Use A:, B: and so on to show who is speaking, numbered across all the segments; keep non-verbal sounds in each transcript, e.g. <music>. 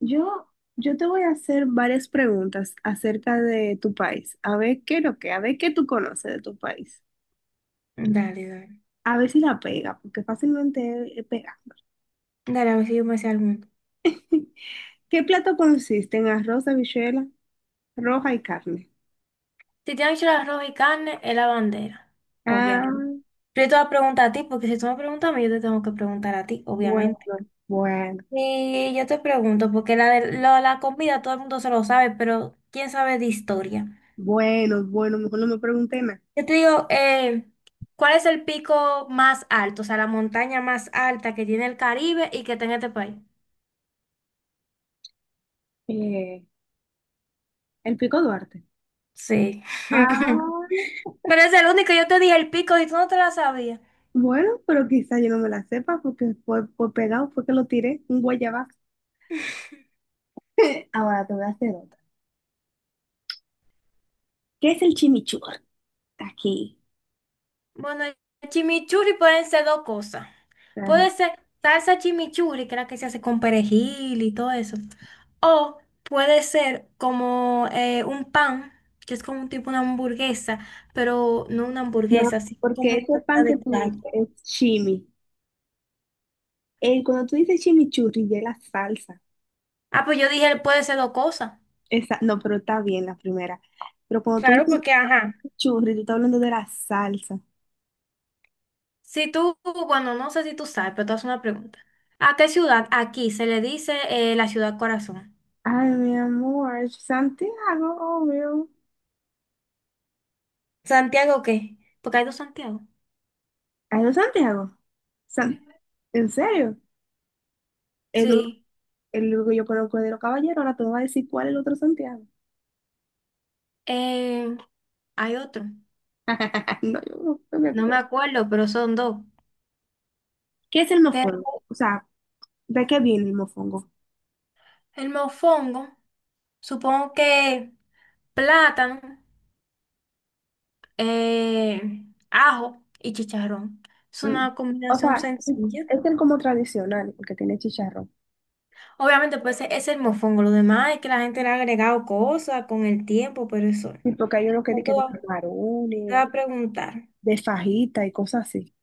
A: Yo, yo te voy a hacer varias preguntas acerca de tu país, a ver qué es lo que, a ver qué tú conoces de tu país,
B: Dale, dale.
A: a ver si la pega, porque fácilmente pega.
B: Dale, a ver si yo me sé alguno.
A: <laughs> ¿Qué plato consiste en arroz, habichuela, roja y carne?
B: Si te han hecho el arroz y carne, es la bandera.
A: Ah,
B: Obviamente. Pero yo te voy a preguntar a ti, porque si tú me preguntas a mí, yo te tengo que preguntar a ti,
A: bueno,
B: obviamente.
A: bueno,
B: Y yo te pregunto, porque la comida todo el mundo se lo sabe, pero ¿quién sabe de historia?
A: bueno, bueno, mejor no me pregunté nada.
B: Yo te digo, ¿cuál es el pico más alto? O sea, la montaña más alta que tiene el Caribe y que tiene este país.
A: Eh, el pico Duarte.
B: Sí. <laughs>
A: Ah,
B: Pero es el único, yo te dije el pico y tú no te la sabías.
A: bueno, pero quizá yo no me la sepa porque fue pegado, fue que lo tiré, un guayabazo. <laughs> Ahora te voy a hacer otra. ¿Qué es el chimichurri aquí?
B: Bueno, el chimichurri pueden ser dos cosas.
A: Ajá.
B: Puede ser salsa chimichurri, que es la que se hace con perejil y todo eso. O puede ser como un pan, que es como un tipo una hamburguesa, pero no una
A: No,
B: hamburguesa, así como
A: porque
B: una
A: ese
B: comida
A: pan que
B: de
A: tú dices
B: calle.
A: es chimi. Cuando tú dices chimichurri, ya es la salsa.
B: Ah, pues yo dije, puede ser dos cosas.
A: Esa, no, pero está bien la primera. Pero cuando tú
B: Claro,
A: dices
B: porque ajá.
A: chimichurri tú estás hablando de la salsa.
B: Si tú, bueno, no sé si tú sabes, pero te hago una pregunta. ¿A qué ciudad aquí se le dice la ciudad corazón?
A: Ay, mi amor, Santiago, obvio.
B: ¿Santiago qué? Porque hay dos Santiago.
A: Ay, no, Santiago. San- ¿En serio? El,
B: Sí.
A: el único que yo conozco es de los caballeros, ahora tú me vas a decir cuál es el otro Santiago.
B: Eh, Hay otro,
A: <laughs> No, yo no, no me
B: no me
A: acuerdo.
B: acuerdo, pero son dos.
A: ¿Qué es el
B: Pero
A: mofongo? O sea, ¿de qué viene el mofongo?
B: el mofongo, supongo que plátano, eh, ajo y chicharrón. Es
A: Mm.
B: una
A: O
B: combinación
A: sea,
B: sencilla.
A: este es como tradicional, el que tiene chicharrón.
B: Obviamente, pues ese es el mofongo. Lo demás es que la gente le ha agregado cosas con el tiempo, pero eso.
A: Y porque hay uno que dice
B: No, Te
A: que de
B: voy a te voy
A: camarones,
B: a preguntar,
A: de fajita y cosas así.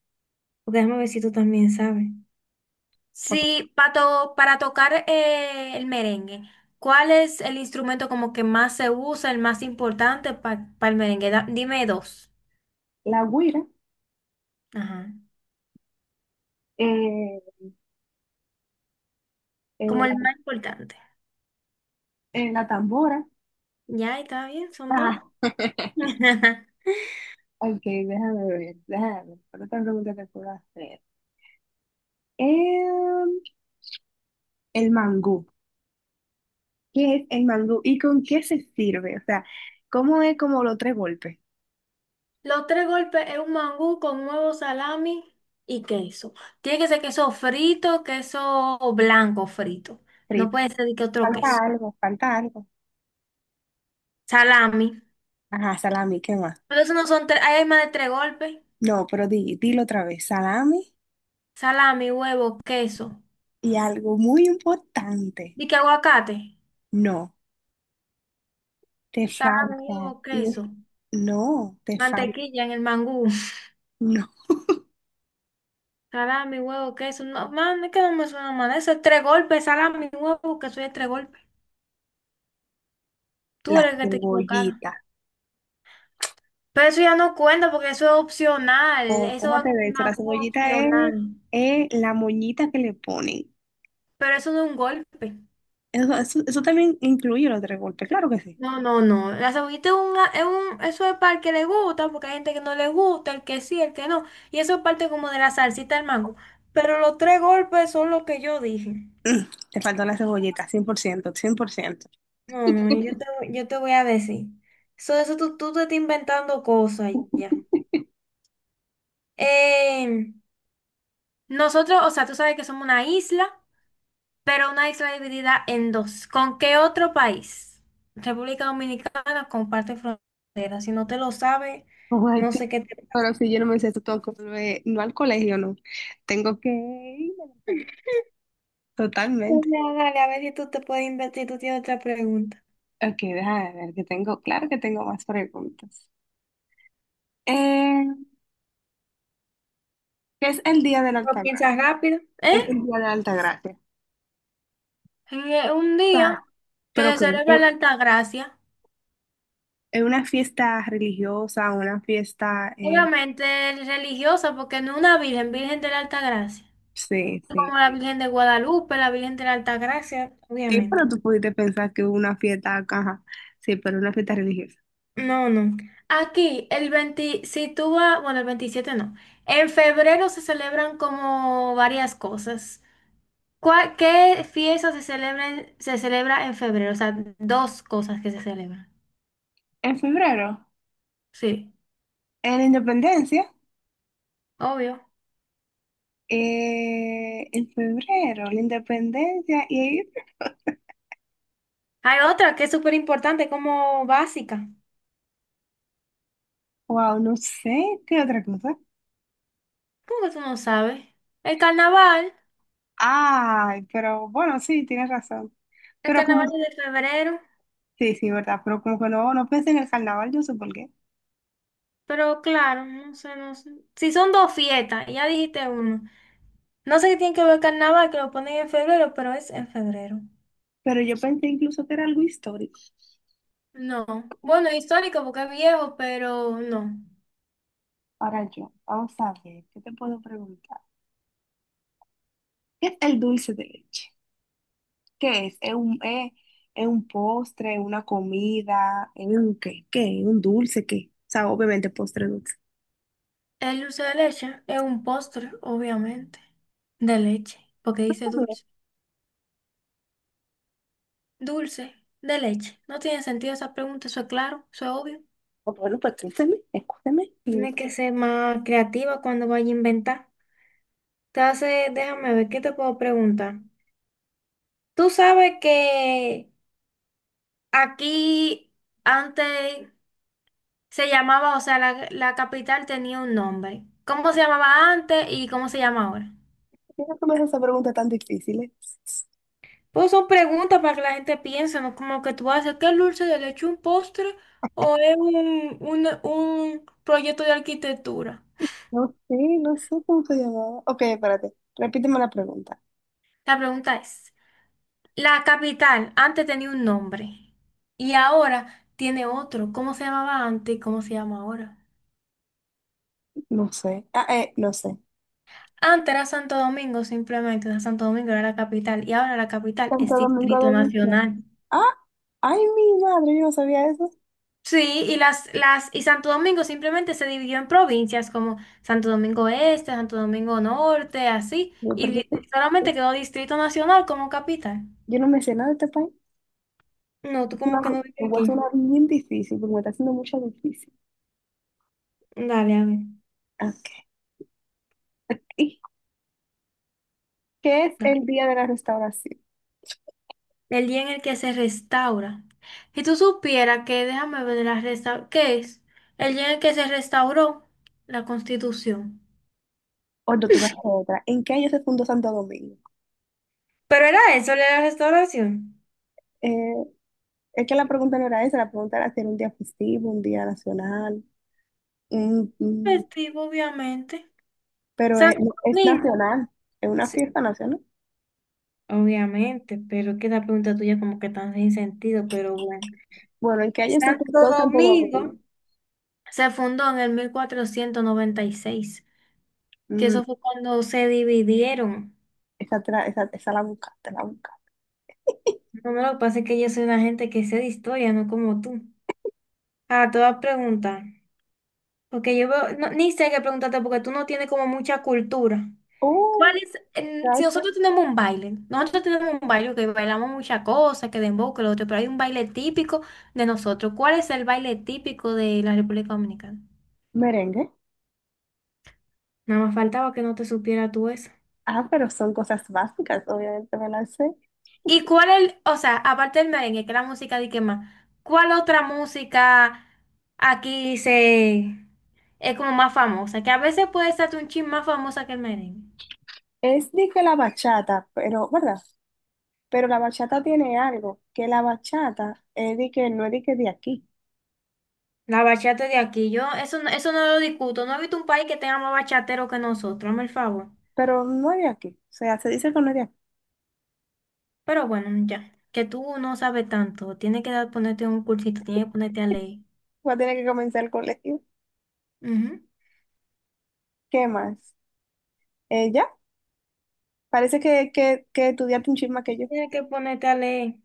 B: porque déjame ver si tú también sabes. Sí, pato, para tocar el merengue, ¿cuál es el instrumento como que más se usa, el más importante para el merengue? Dime dos.
A: La guira,
B: Ajá.
A: eh, eh,
B: Como el
A: la,
B: más importante.
A: la tambora.
B: Ya, está bien, son
A: Ah,
B: dos. <laughs>
A: ok, déjame ver, déjame ver. ¿Cuál otra pregunta te puedo hacer? Em, el mangú. ¿Qué es el mangú y con qué se sirve? O sea, ¿cómo es como los tres golpes?
B: Los tres golpes es un mangú con huevo, salami y queso. Tiene que ser queso frito, queso blanco frito. No
A: Frito.
B: puede ser de que otro
A: Falta
B: queso.
A: algo, falta algo.
B: Salami.
A: Ajá, salami, ¿qué más?
B: Pero eso no son tres, ahí hay más de tres golpes.
A: No, pero dilo otra vez. Salami.
B: Salami, huevo, queso.
A: Y algo muy importante,
B: ¿Y qué aguacate?
A: no, te
B: Salami,
A: falta,
B: huevo, queso.
A: no, te falta,
B: Mantequilla en el mangú. <laughs>
A: no,
B: Salami, huevo, queso. No, man, es que no me suena mal. Eso es tres golpes. Salami, huevo, queso es tres golpes. Tú
A: la
B: eres el que te equivocaron.
A: cebollita.
B: Pero eso ya no cuenta porque eso es opcional.
A: O
B: Eso
A: ¿cómo
B: va
A: te
B: con el
A: ves? La
B: mangú
A: cebollita es,
B: opcional.
A: es la moñita que le ponen.
B: Pero eso no es un golpe.
A: Eso también incluye los tres golpes, claro que sí.
B: No, no, no. La cebollita eso es para el que le gusta, porque hay gente que no le gusta, el que sí, el que no. Y eso es parte como de la salsita del mango. Pero los tres golpes son lo que yo dije.
A: Mm, te faltó la cebollita, 100%, 100%.
B: No, no, yo te voy a decir. So, eso tú te estás inventando cosas ya. Eh, Nosotros, o sea, tú sabes que somos una isla, pero una isla dividida en dos. ¿Con qué otro país? República Dominicana comparte frontera. Si no te lo sabes,
A: Ay,
B: no
A: tú,
B: sé qué te...
A: pero si yo no me sé esto, tengo que volver, no al colegio, no. Tengo que ir al país. Totalmente.
B: Dale, dale, a ver si tú te puedes invertir, tú tienes otra pregunta.
A: Ok, déjame ver que tengo, claro que tengo más preguntas. Que es el Día de la
B: ¿Lo
A: Altagracia,
B: piensas rápido? ¿Eh?
A: que es el Día de la Altagracia.
B: Un
A: O sea,
B: día que
A: pero
B: se
A: que
B: celebra
A: es
B: la Altagracia.
A: es una fiesta religiosa, una fiesta,
B: Obviamente religiosa, porque no una virgen, Virgen de la Altagracia.
A: sí, sí.
B: Como la Virgen de Guadalupe, la Virgen de la Altagracia,
A: Sí, pero
B: obviamente.
A: tú pudiste pensar que una fiesta, caja, sí, pero una fiesta religiosa.
B: No, no. Aquí, el 20, si tú vas, bueno, el 27 no. En febrero se celebran como varias cosas. ¿ Qué fiesta se celebra, se celebra en febrero? O sea, dos cosas que se celebran.
A: En febrero,
B: Sí,
A: en la independencia,
B: obvio.
A: en febrero, la independencia y,
B: Hay otra que es súper importante, como básica.
A: wow, no sé, ¿qué otra cosa?
B: ¿Cómo que tú no sabes? El carnaval,
A: Ay, pero bueno, sí, tienes razón.
B: el
A: Pero como,
B: carnaval es de febrero.
A: sí, sí, verdad, pero como que no, no pensé en el carnaval, yo sé por qué.
B: Pero claro, no sé, no sé. Si son dos fiestas, ya dijiste uno. No sé qué tiene que ver el carnaval, que lo ponen en febrero, pero es en febrero.
A: Pero yo pensé incluso que era algo histórico.
B: No. Bueno, histórico porque es viejo, pero no.
A: Ahora yo, vamos a ver, ¿qué te puedo preguntar? ¿Qué es el dulce de leche? ¿Qué es? ¿Es un postre, una comida? ¿Es un qué? ¿Qué? ¿Un dulce? ¿Qué? O sea, obviamente postre dulce.
B: El dulce de leche es un postre, obviamente. De leche, porque dice dulce. Dulce de leche. No tiene sentido esa pregunta, eso es claro, eso es obvio.
A: Oh, bueno, pues escúchame, escúchame.
B: Tienes
A: ¿Por
B: que ser más creativa cuando vaya a inventar. Entonces, déjame ver, ¿qué te puedo preguntar? Tú sabes que aquí antes se llamaba, o sea, la capital tenía un nombre. ¿Cómo se llamaba antes y cómo se llama ahora?
A: qué no me haces esa pregunta tan difícil, eh?
B: Pues son preguntas para que la gente piense, ¿no? Como que tú haces, ¿qué es dulce de leche, un postre o es un proyecto de arquitectura?
A: No sé, no sé cómo se llamaba. Ok, espérate, repíteme la pregunta.
B: La pregunta es, la capital antes tenía un nombre y ahora tiene otro. ¿Cómo se llamaba antes y cómo se llama ahora?
A: No sé. Ah, no sé.
B: Antes era Santo Domingo, simplemente, o sea, Santo Domingo era la capital y ahora la capital es
A: Santo Domingo
B: Distrito
A: de Guzmán.
B: Nacional.
A: Ah, ay, mi madre, yo no sabía eso.
B: Sí, y Santo Domingo simplemente se dividió en provincias como Santo Domingo Este, Santo Domingo Norte, así,
A: Yo,
B: y
A: pero yo,
B: solamente quedó Distrito Nacional como capital.
A: yo no me sé nada de este país.
B: No, tú
A: Es una-
B: como que no vives
A: Me voy a
B: aquí.
A: hacer una bien difícil, porque me está haciendo mucho difícil.
B: Dale, a ver.
A: Ok. ¿Y qué es el Día de la Restauración?
B: El día en el que se restaura. Si tú supieras que, déjame ver la resta, ¿qué es? El día en el que se restauró la Constitución.
A: O no, te voy a hacer otra. ¿En qué año se fundó Santo Domingo?
B: Pero era eso, la restauración.
A: Eh, es que la pregunta no era esa, la pregunta era si era un día festivo, un día nacional. Mm, mm,
B: Festivo, obviamente.
A: pero es,
B: Santo
A: no, es
B: Domingo,
A: nacional, es una
B: sí,
A: fiesta nacional.
B: obviamente, pero es que la pregunta tuya como que tan sin sentido, pero bueno.
A: Bueno, ¿en qué año se
B: Santo
A: fundó Santo
B: Domingo
A: Domingo?
B: se fundó en el 1496, que
A: Mm,
B: eso fue cuando se dividieron.
A: esa, esa la buscaste, la buscaste.
B: No, no, lo que pasa es que yo soy una gente que sé de historia, no como tú. Ah, te voy a preguntar, porque yo veo, no, ni sé qué preguntarte porque tú no tienes como mucha cultura. ¿Cuál
A: ¡Oh!
B: es? Si
A: ¿Sabes qué?
B: nosotros tenemos un baile, nosotros tenemos un baile que bailamos muchas cosas, que dembow, que lo otro, pero hay un baile típico de nosotros. ¿Cuál es el baile típico de la República Dominicana?
A: Merengue.
B: Nada más faltaba que no te supiera tú eso.
A: Ah, pero son cosas básicas, obviamente me las sé.
B: ¿Y cuál el, o sea, aparte del merengue, que es la música de que más, cuál otra música aquí se es como más famosa? Que a veces puede ser hasta un chin más famosa que el merengue.
A: Es de que la bachata, pero, ¿verdad? Pero la bachata tiene algo, que la bachata es de que no es de que de aquí,
B: La bachata de aquí, yo. Yo eso, eso no lo discuto. No he visto un país que tenga más bachatero que nosotros, hazme el favor.
A: pero no es de aquí. O sea, se dice que no es de aquí.
B: Pero bueno, ya, que tú no sabes tanto, tienes que ponerte un cursito, tienes que ponerte a leer.
A: Va a tener que comenzar el colegio.
B: Ujú.
A: ¿Qué más? Ya, parece que estudiaste un chisme que yo.
B: Tienes que ponerte a leer.